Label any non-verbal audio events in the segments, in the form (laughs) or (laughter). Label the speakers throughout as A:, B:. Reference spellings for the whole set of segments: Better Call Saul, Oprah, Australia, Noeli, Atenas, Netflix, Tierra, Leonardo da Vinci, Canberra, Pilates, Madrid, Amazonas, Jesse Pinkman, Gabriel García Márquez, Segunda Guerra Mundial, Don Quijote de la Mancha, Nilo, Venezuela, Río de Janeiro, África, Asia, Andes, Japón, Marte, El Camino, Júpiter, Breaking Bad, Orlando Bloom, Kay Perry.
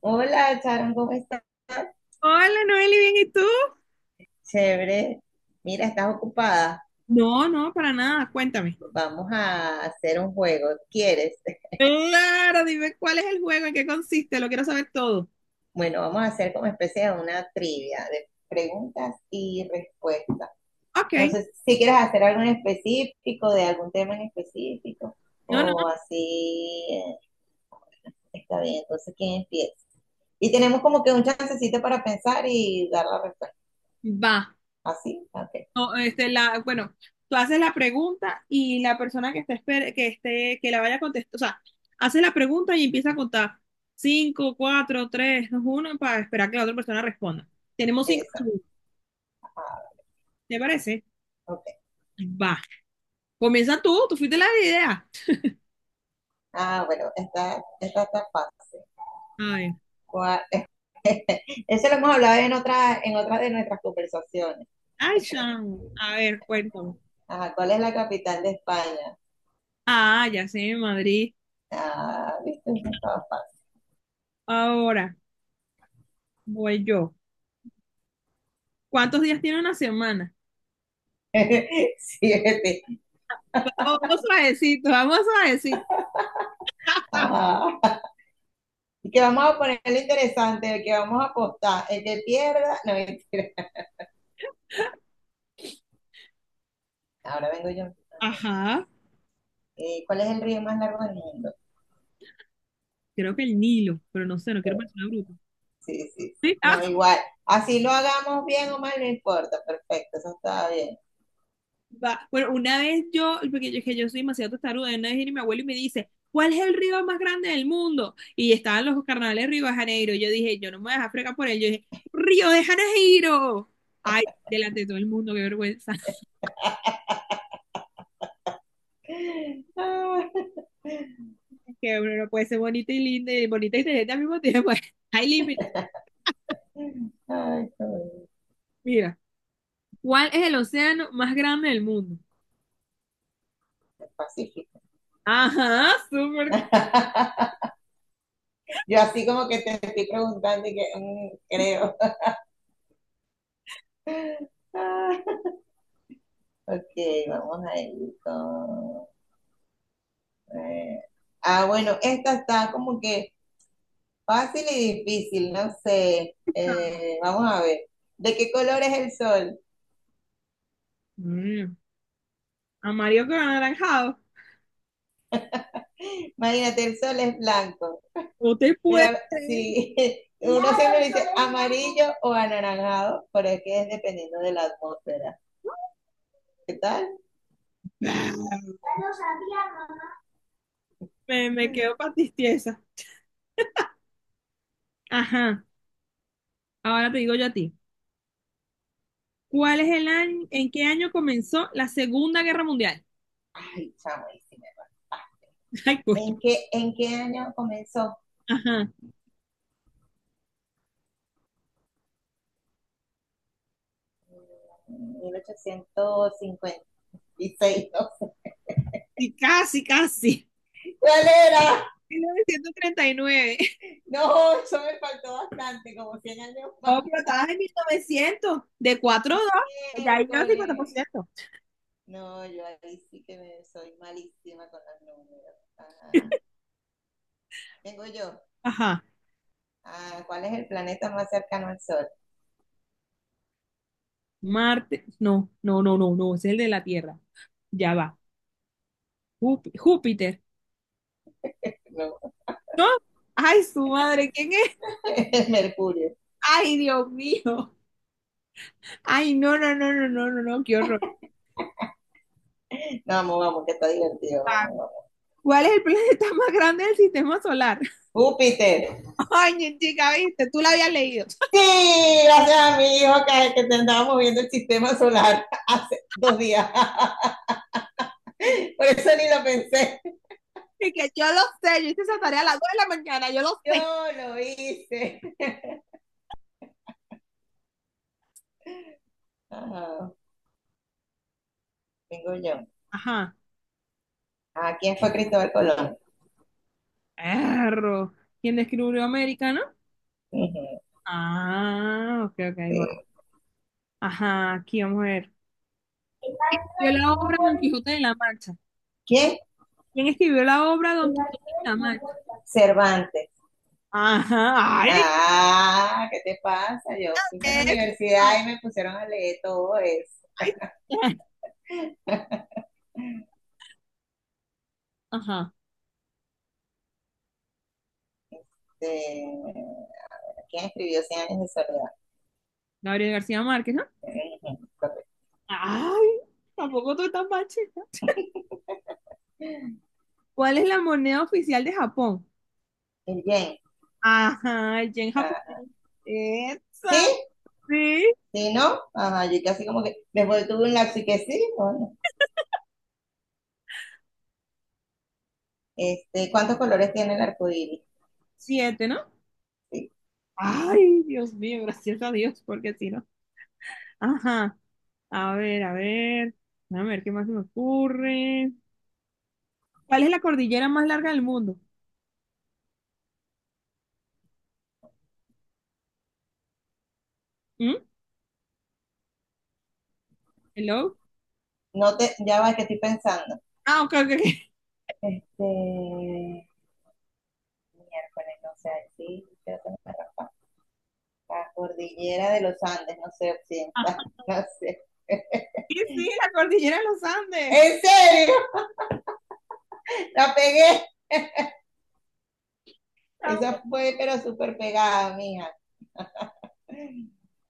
A: Hola, Sharon, ¿cómo estás?
B: Hola, Noeli, ¿bien y tú?
A: Chévere. Mira, estás ocupada.
B: No, no, para nada, cuéntame.
A: Vamos a hacer un juego. ¿Quieres? (laughs)
B: Claro, dime cuál es el juego, en qué consiste, lo quiero saber todo.
A: Bueno, vamos a hacer como especie de una trivia de preguntas y respuestas.
B: Ok,
A: No sé si quieres hacer algo en específico, de algún tema en específico,
B: no, no,
A: o así. Está bien, entonces, ¿quién empieza? Y tenemos como que un chancecito para pensar y dar la respuesta.
B: va.
A: ¿Así? Ok.
B: No, bueno, tú haces la pregunta y la persona que esté, que esté, que la vaya a contestar, o sea, hace la pregunta y empieza a contar. Cinco, cuatro, tres, dos, uno, para esperar que la otra persona responda. Tenemos cinco
A: Exacto.
B: minutos, ¿te parece?
A: Ok.
B: Va. Comienza tú, fuiste la idea.
A: Ah, bueno, esta está fácil.
B: A ver.
A: ¿Cuál- (laughs) Eso lo hemos hablado en otra de nuestras conversaciones.
B: Ay,
A: (laughs)
B: chamo. A ver, cuéntame.
A: Ajá, ¿cuál es la capital de España?
B: Ah, ya sé, Madrid.
A: Ah, viste, no estaba fácil.
B: Ahora voy yo. ¿Cuántos días tiene una semana?
A: (laughs) Siete.
B: Vamos suavecito, vamos suavecito. (laughs) Ah,
A: Ah, y que vamos a ponerle interesante, el que vamos a apostar, el que pierda, (laughs) no mentira. Ahora vengo yo. Ajá.
B: Ajá.
A: ¿Cuál es el río más largo del mundo?
B: Creo que el Nilo, pero no sé, no quiero parecer una bruta.
A: Sí, sí, sí.
B: Sí,
A: No, igual. Así lo hagamos bien o mal, no importa. Perfecto, eso está bien.
B: va. Bueno, una vez yo, es que yo soy demasiado testaruda, una vez viene mi abuelo y me dice, ¿cuál es el río más grande del mundo? Y estaban los carnavales de Río de Janeiro. Yo dije, yo no me voy a dejar fregar por él. Yo dije, Río de Janeiro. Ay, delante de todo el mundo, qué vergüenza,
A: (laughs)
B: que uno no puede ser bonita y linda y bonita y inteligente al mismo tiempo. (laughs) Hay límites.
A: Ah, ay, qué bonito.
B: Mira, ¿cuál es el océano más grande del mundo?
A: Pacífico.
B: Ajá, súper.
A: (laughs) Yo así como que te estoy preguntando y que creo. (laughs) Ah, ok, vamos a ir con, eh, ah, bueno, esta está como que fácil y difícil, no sé.
B: Cosa.
A: Vamos a ver. ¿De qué color es el sol?
B: Mm, amarillo con anaranjado.
A: Imagínate, el sol es blanco,
B: ¿Usted
A: pero
B: puede creer?
A: si (laughs) uno siempre dice amarillo o anaranjado, pero es que es dependiendo de la atmósfera. ¿Qué tal?
B: Me quedo patistiesa. Ajá, ahora te digo yo a ti. ¿Cuál es el año, En qué año comenzó la Segunda Guerra Mundial?
A: Ay, chamo, ahí sí me va.
B: (laughs) Ay, coño.
A: ¿En qué año comenzó?
B: Ajá.
A: 1856, no sé.
B: Y casi, casi.
A: ¿Cuál era?
B: (laughs) 1939.
A: No, eso me faltó bastante, como 100 años más.
B: No, pero estabas en 1900, de 4 a 2, ya ahí lleva cincuenta por
A: Miércoles.
B: ciento.
A: No, yo ahí sí que me, soy malísima con los números. Ajá. Tengo yo.
B: Ajá,
A: Ah, ¿cuál es el planeta más cercano al Sol?
B: Marte, no, no, no, no, no, ese es el de la Tierra, ya va, Júpiter,
A: No.
B: ¿no? Ay, su madre, ¿quién es?
A: (laughs) El Mercurio.
B: Ay, Dios mío, ay, no, no, no, no, no, no, no, qué horror.
A: No, vamos, vamos, que está divertido,
B: Ah,
A: vamos, vamos.
B: ¿cuál es el planeta más grande del sistema solar?
A: Júpiter.
B: (laughs) Ay, chica, viste, tú la habías leído.
A: Sí, gracias a mi hijo que te andábamos viendo el sistema solar (laughs) hace 2 días. (laughs) Por eso ni lo pensé.
B: Y que yo lo sé, yo hice esa tarea a las 2 de la mañana, yo lo sé.
A: Yo lo hice. Ajá, tengo yo.
B: Ajá,
A: Ah, ¿quién fue Cristóbal Colón?
B: perro. ¿Quién descubrió América, no?
A: Ujú,
B: Ah, ok, ok, ahí voy.
A: sí.
B: Ajá, aquí vamos a ver. ¿Quién escribió la obra Don Quijote de la Mancha?
A: ¿Quién?
B: ¿Quién escribió la obra Don Quijote de la Mancha?
A: Cervantes.
B: Ajá, ay,
A: Ah, ¿qué te pasa? Yo fui para
B: ¿qué
A: la
B: es esto?
A: universidad y me pusieron a leer todo eso.
B: Ay, (laughs)
A: (laughs)
B: ajá,
A: Este, ¿quién escribió Cien años de soledad?
B: Gabriel García Márquez, ¿no?
A: Ujú, correcto.
B: Ay, tampoco tú estás mal, chica. ¿Cuál es la moneda oficial de Japón?
A: El yen.
B: Ajá, el yen japonés. Esa,
A: ¿Sí?
B: sí.
A: ¿Sí, no? Ajá, yo casi como que después tuve un lapso y que sí, bueno. Este, ¿cuántos colores tiene el arco iris?
B: Siete, ¿no?
A: Sí.
B: Ay, Dios mío, gracias a Dios, porque si no. Ajá. A ver, a ver, a ver qué más se me ocurre. ¿Cuál es la cordillera más larga del mundo? ¿Mm? ¿Hello?
A: No te, ya va, que estoy pensando.
B: Ah, ok, ok, ok. (laughs)
A: Este, miércoles, no sé, sí, creo que no me raspa. La cordillera de los Andes, no sé, occidental,
B: Ajá.
A: (laughs) no sé. (laughs)
B: Sí, sí, la cordillera de los Andes.
A: ¿En serio? La pegué.
B: Ah,
A: Esa fue, pero súper pegada, mija.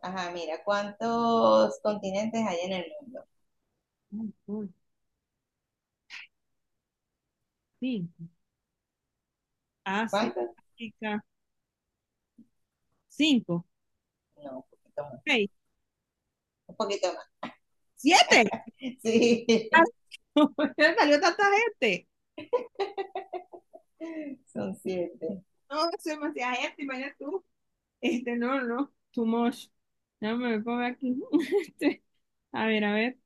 A: Ajá, mira, ¿cuántos continentes hay en el mundo?
B: uy, uy, cinco. Asia,
A: ¿Cuántos?
B: África. Cinco,
A: No, un poquito más.
B: seis,
A: Un poquito más.
B: siete. ¡Ay!
A: (laughs)
B: (laughs) ¿Por salió tanta gente?
A: Sí, son siete.
B: No, es demasiada gente, imagínate tú. No, no, too much. Déjame ver por aquí. (laughs) Este, a ver, a ver.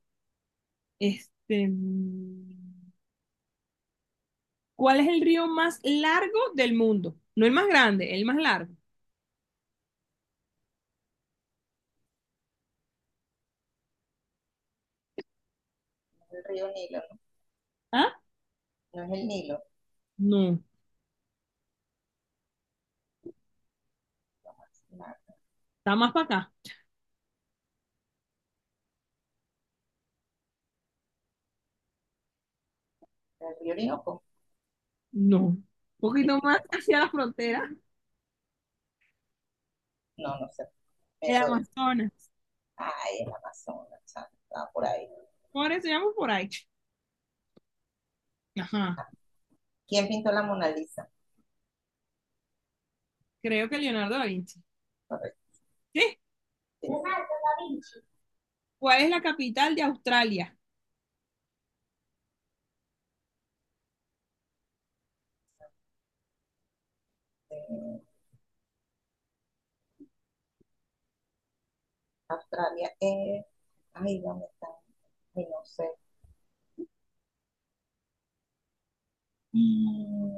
B: Este. mm, ¿Cuál es el río más largo del mundo? No el más grande, el más largo.
A: El río Nilo, ¿no?
B: ¿Ah?
A: No es el Nilo.
B: No.
A: No,
B: ¿Está más para acá?
A: el río Orinoco.
B: No. Un poquito más
A: (laughs)
B: hacia la frontera,
A: No, no sé. Me
B: el
A: doy.
B: Amazonas.
A: Ay, el Amazonas, chamo. Estaba por ahí.
B: Por eso llamo por ahí. Ajá.
A: Ah, ¿quién pintó la Mona Lisa?
B: Creo que Leonardo da Vinci.
A: Correcto.
B: ¿Sí?
A: Sí.
B: ¿Cuál es la capital de Australia?
A: Eh, Australia es. Ay, ¿dónde está? Ay, no sé.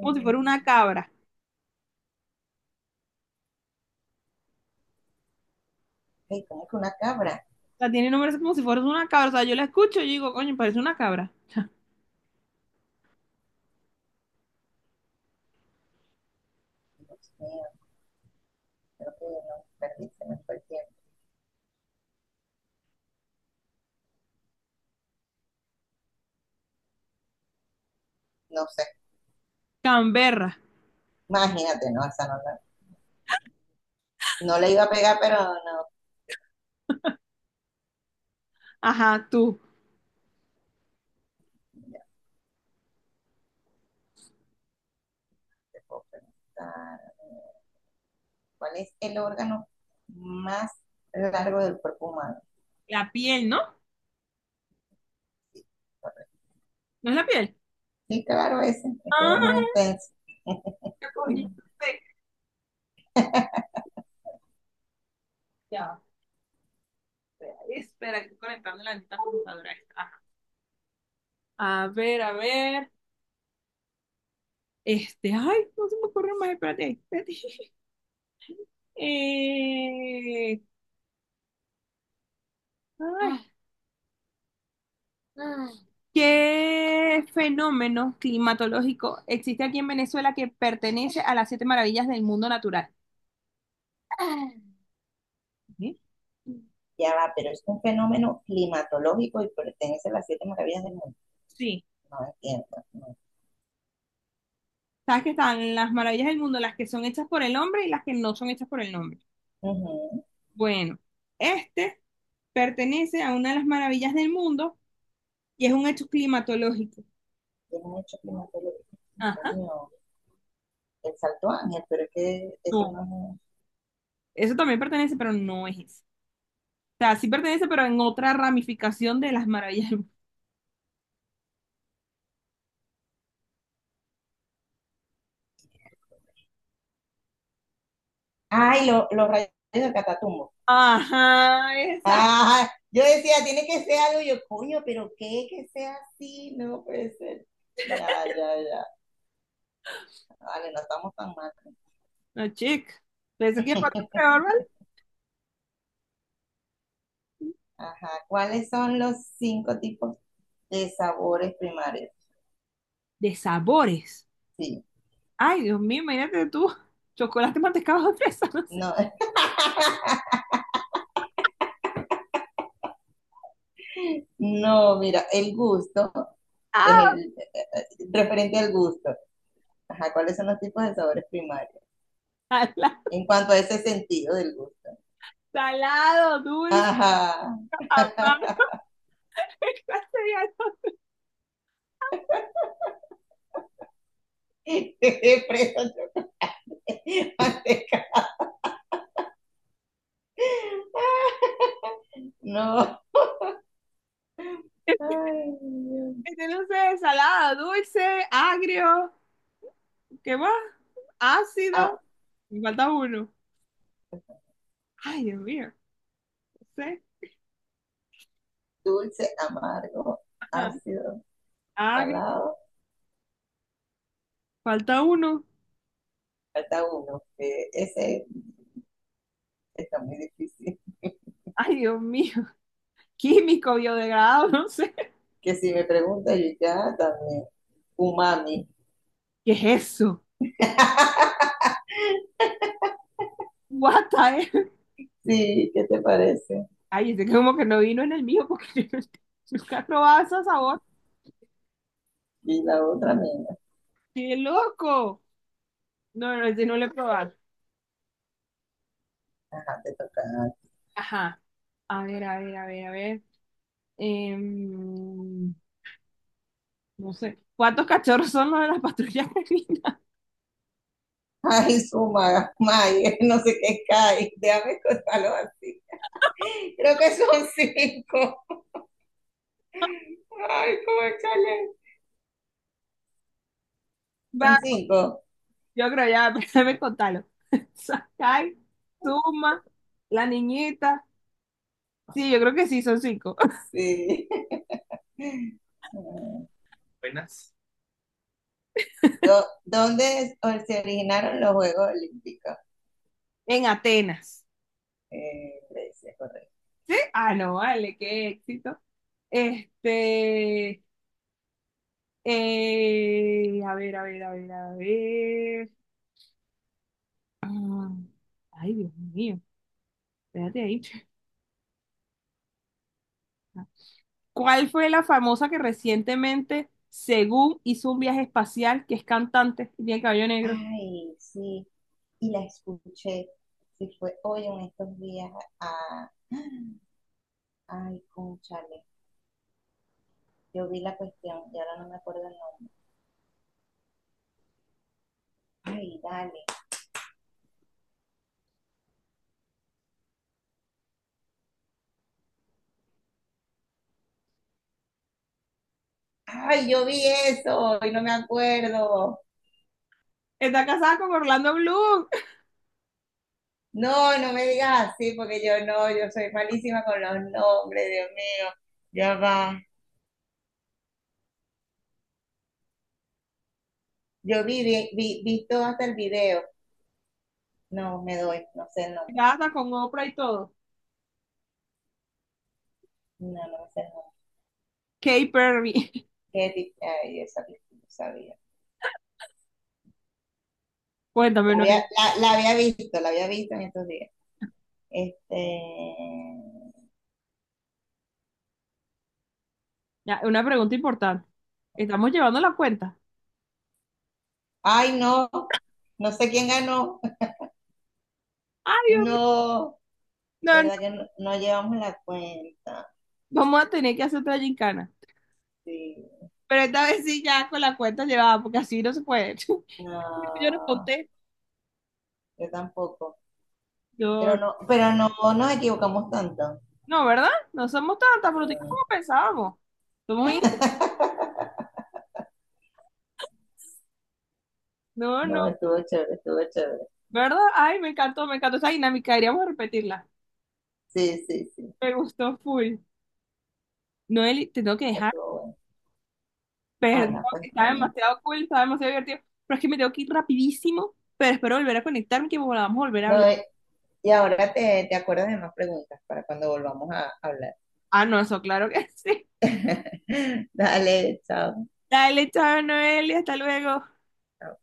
B: Como si fuera una cabra.
A: ay, ¿cómo que una cabra?
B: O sea, tiene nombres como si fuera una cabra. O sea, yo la escucho y digo, coño, parece una cabra. (laughs)
A: Dios mío. Creo que no perdí, se me fue el tiempo. No sé,
B: Canberra.
A: imagínate, no, esa no la, no le iba a pegar, pero no,
B: Ajá, tú.
A: ya te puedo preguntar. ¿Cuál es el órgano más largo del cuerpo humano?
B: La piel, ¿no?
A: Correcto.
B: ¿No es la piel? (laughs)
A: Sí, claro, ese es el más
B: Ah,
A: intenso.
B: ya cogí.
A: (laughs)
B: Ya. Espera, estoy conectando la neta computadora. Ajá. A ver, a ver. Ay, no se me ocurre más, espérate, espérate. Eh, ay, ¿Qué fenómeno climatológico existe aquí en Venezuela que pertenece a las siete maravillas del mundo natural? ¿Sí?
A: Ya va, pero es un fenómeno climatológico y pertenece a las siete maravillas del mundo.
B: Sí.
A: No entiendo. No.
B: ¿Sabes que están las maravillas del mundo, las que son hechas por el hombre y las que no son hechas por el hombre?
A: Ujú.
B: Bueno, este pertenece a una de las maravillas del mundo y es un hecho climatológico.
A: Tiene un hecho climatológico.
B: Ajá.
A: Coño, el Salto Ángel, pero es que eso
B: No,
A: no.
B: eso también pertenece, pero no es eso. O sea, sí pertenece, pero en otra ramificación de las maravillas del mundo.
A: Ay, los rayos del Catatumbo.
B: Ajá, exacto.
A: Ah, yo decía, tiene que ser algo, yo, coño, pero qué que sea así, no puede ser. Ya, ya, ya. Vale, no estamos tan mal.
B: No, chica. Pensé que iba a contar
A: (laughs)
B: peor, ¿vale?
A: Ajá, ¿cuáles son los cinco tipos de sabores primarios?
B: De sabores.
A: Sí,
B: Ay, Dios mío, imagínate tú. Chocolate, mantecado, (laughs) fresa, no sé.
A: no, (laughs) no, mira, el gusto es
B: Ah,
A: el referente al gusto. Ajá, ¿cuáles son los tipos de sabores primarios?
B: Salado,
A: En cuanto a ese sentido del gusto.
B: salado, dulce,
A: Ajá,
B: amargo.
A: (laughs)
B: (laughs) ¿Qué clase de algo?
A: preso yo. (laughs) (laughs) No. Ay, Dios.
B: No sé, salado, dulce, agrio. ¿Qué más? Ácido.
A: Ah,
B: Me falta uno. Ay, Dios mío. C,
A: dulce, amargo,
B: ajá,
A: ácido,
B: agri,
A: salado.
B: falta uno.
A: Falta uno, que ese está muy difícil.
B: Ay, Dios mío, químico, biodegradado, no sé.
A: Que si me preguntas, yo ya también. Umami.
B: ¿Qué es eso? What the-
A: Sí, ¿qué te parece?
B: Ay, es como que no vino en el mío porque (laughs) yo no nunca he probado ese sabor.
A: Y la otra mía.
B: ¡Qué loco! No, no, ese no lo he probado.
A: Deja tocar.
B: Ajá. A ver, a ver, a ver, a ver. Em, no sé. ¿Cuántos cachorros son los de la patrulla canina?
A: Ay, suma, may, no sé qué cae. Déjame contarlo así. Creo que son cinco. Ay, cómo chale.
B: (laughs)
A: Son
B: Va,
A: cinco.
B: yo creo ya, (laughs) déjame contarlo. (laughs) Sakai, Suma, la niñita. Sí, yo creo que sí, son cinco.
A: Sí. ¿Dónde se originaron los Juegos Olímpicos?
B: En Atenas.
A: Grecia, correcto.
B: ¿Sí? Ah, no, vale, qué éxito. Este, a ver, a ver, a ver, a ver. Ah, ay, Dios mío, espérate ahí. ¿Cuál fue la famosa que recientemente, según hizo un viaje espacial, que es cantante y tiene cabello negro?
A: Ay, sí. Y la escuché. Sí, fue hoy en estos días a. Ay, cónchale. Yo vi la cuestión y ahora no me acuerdo el nombre. Ay, dale. Ay, yo vi eso y no me acuerdo.
B: Está casada con Orlando Bloom,
A: No, no me digas así porque yo no, yo soy malísima con los nombres, Dios mío. Ya va. Yo vi todo hasta el video. No, me doy, no sé el nombre.
B: casada con Oprah y todo.
A: No, no sé el nombre.
B: Kay Perry.
A: Qué ay, esa película, no sabía.
B: (laughs) Cuéntame,
A: La había,
B: Noel.
A: la había visto, la había visto en estos días. Este.
B: Ya, una pregunta importante. ¿Estamos llevando la cuenta?
A: Ay, no, no sé quién ganó.
B: Ay, Dios mío.
A: No,
B: No,
A: verdad que no, no llevamos la cuenta.
B: vamos a tener que hacer otra gincana.
A: Sí,
B: Pero esta vez sí ya con la cuenta llevada, porque así no se puede. (laughs) Yo no
A: no,
B: conté.
A: yo tampoco. Pero
B: Yo,
A: no, pero no nos equivocamos tanto.
B: no, ¿verdad? No somos tan bruticas
A: No,
B: como pensábamos. Somos... in-
A: (laughs)
B: No, no.
A: no, estuvo chévere, estuvo chévere.
B: ¿Verdad? Ay, me encantó esa dinámica. Deberíamos repetirla.
A: Sí, sí, sí,
B: Me gustó full. Noeli, te tengo que dejar.
A: estuvo bueno.
B: Perdón,
A: Ana, pues
B: que está
A: está bien.
B: demasiado cool, está demasiado divertido. Pero es que me tengo que ir rapidísimo. Pero espero volver a conectarme y que volvamos a volver a
A: No,
B: hablar.
A: y ahora te acuerdas de más preguntas para cuando volvamos a hablar.
B: Ah, no, eso claro que (laughs) sí.
A: (laughs) Dale, chao.
B: Dale, chao, Noeli. Hasta luego.
A: Chao.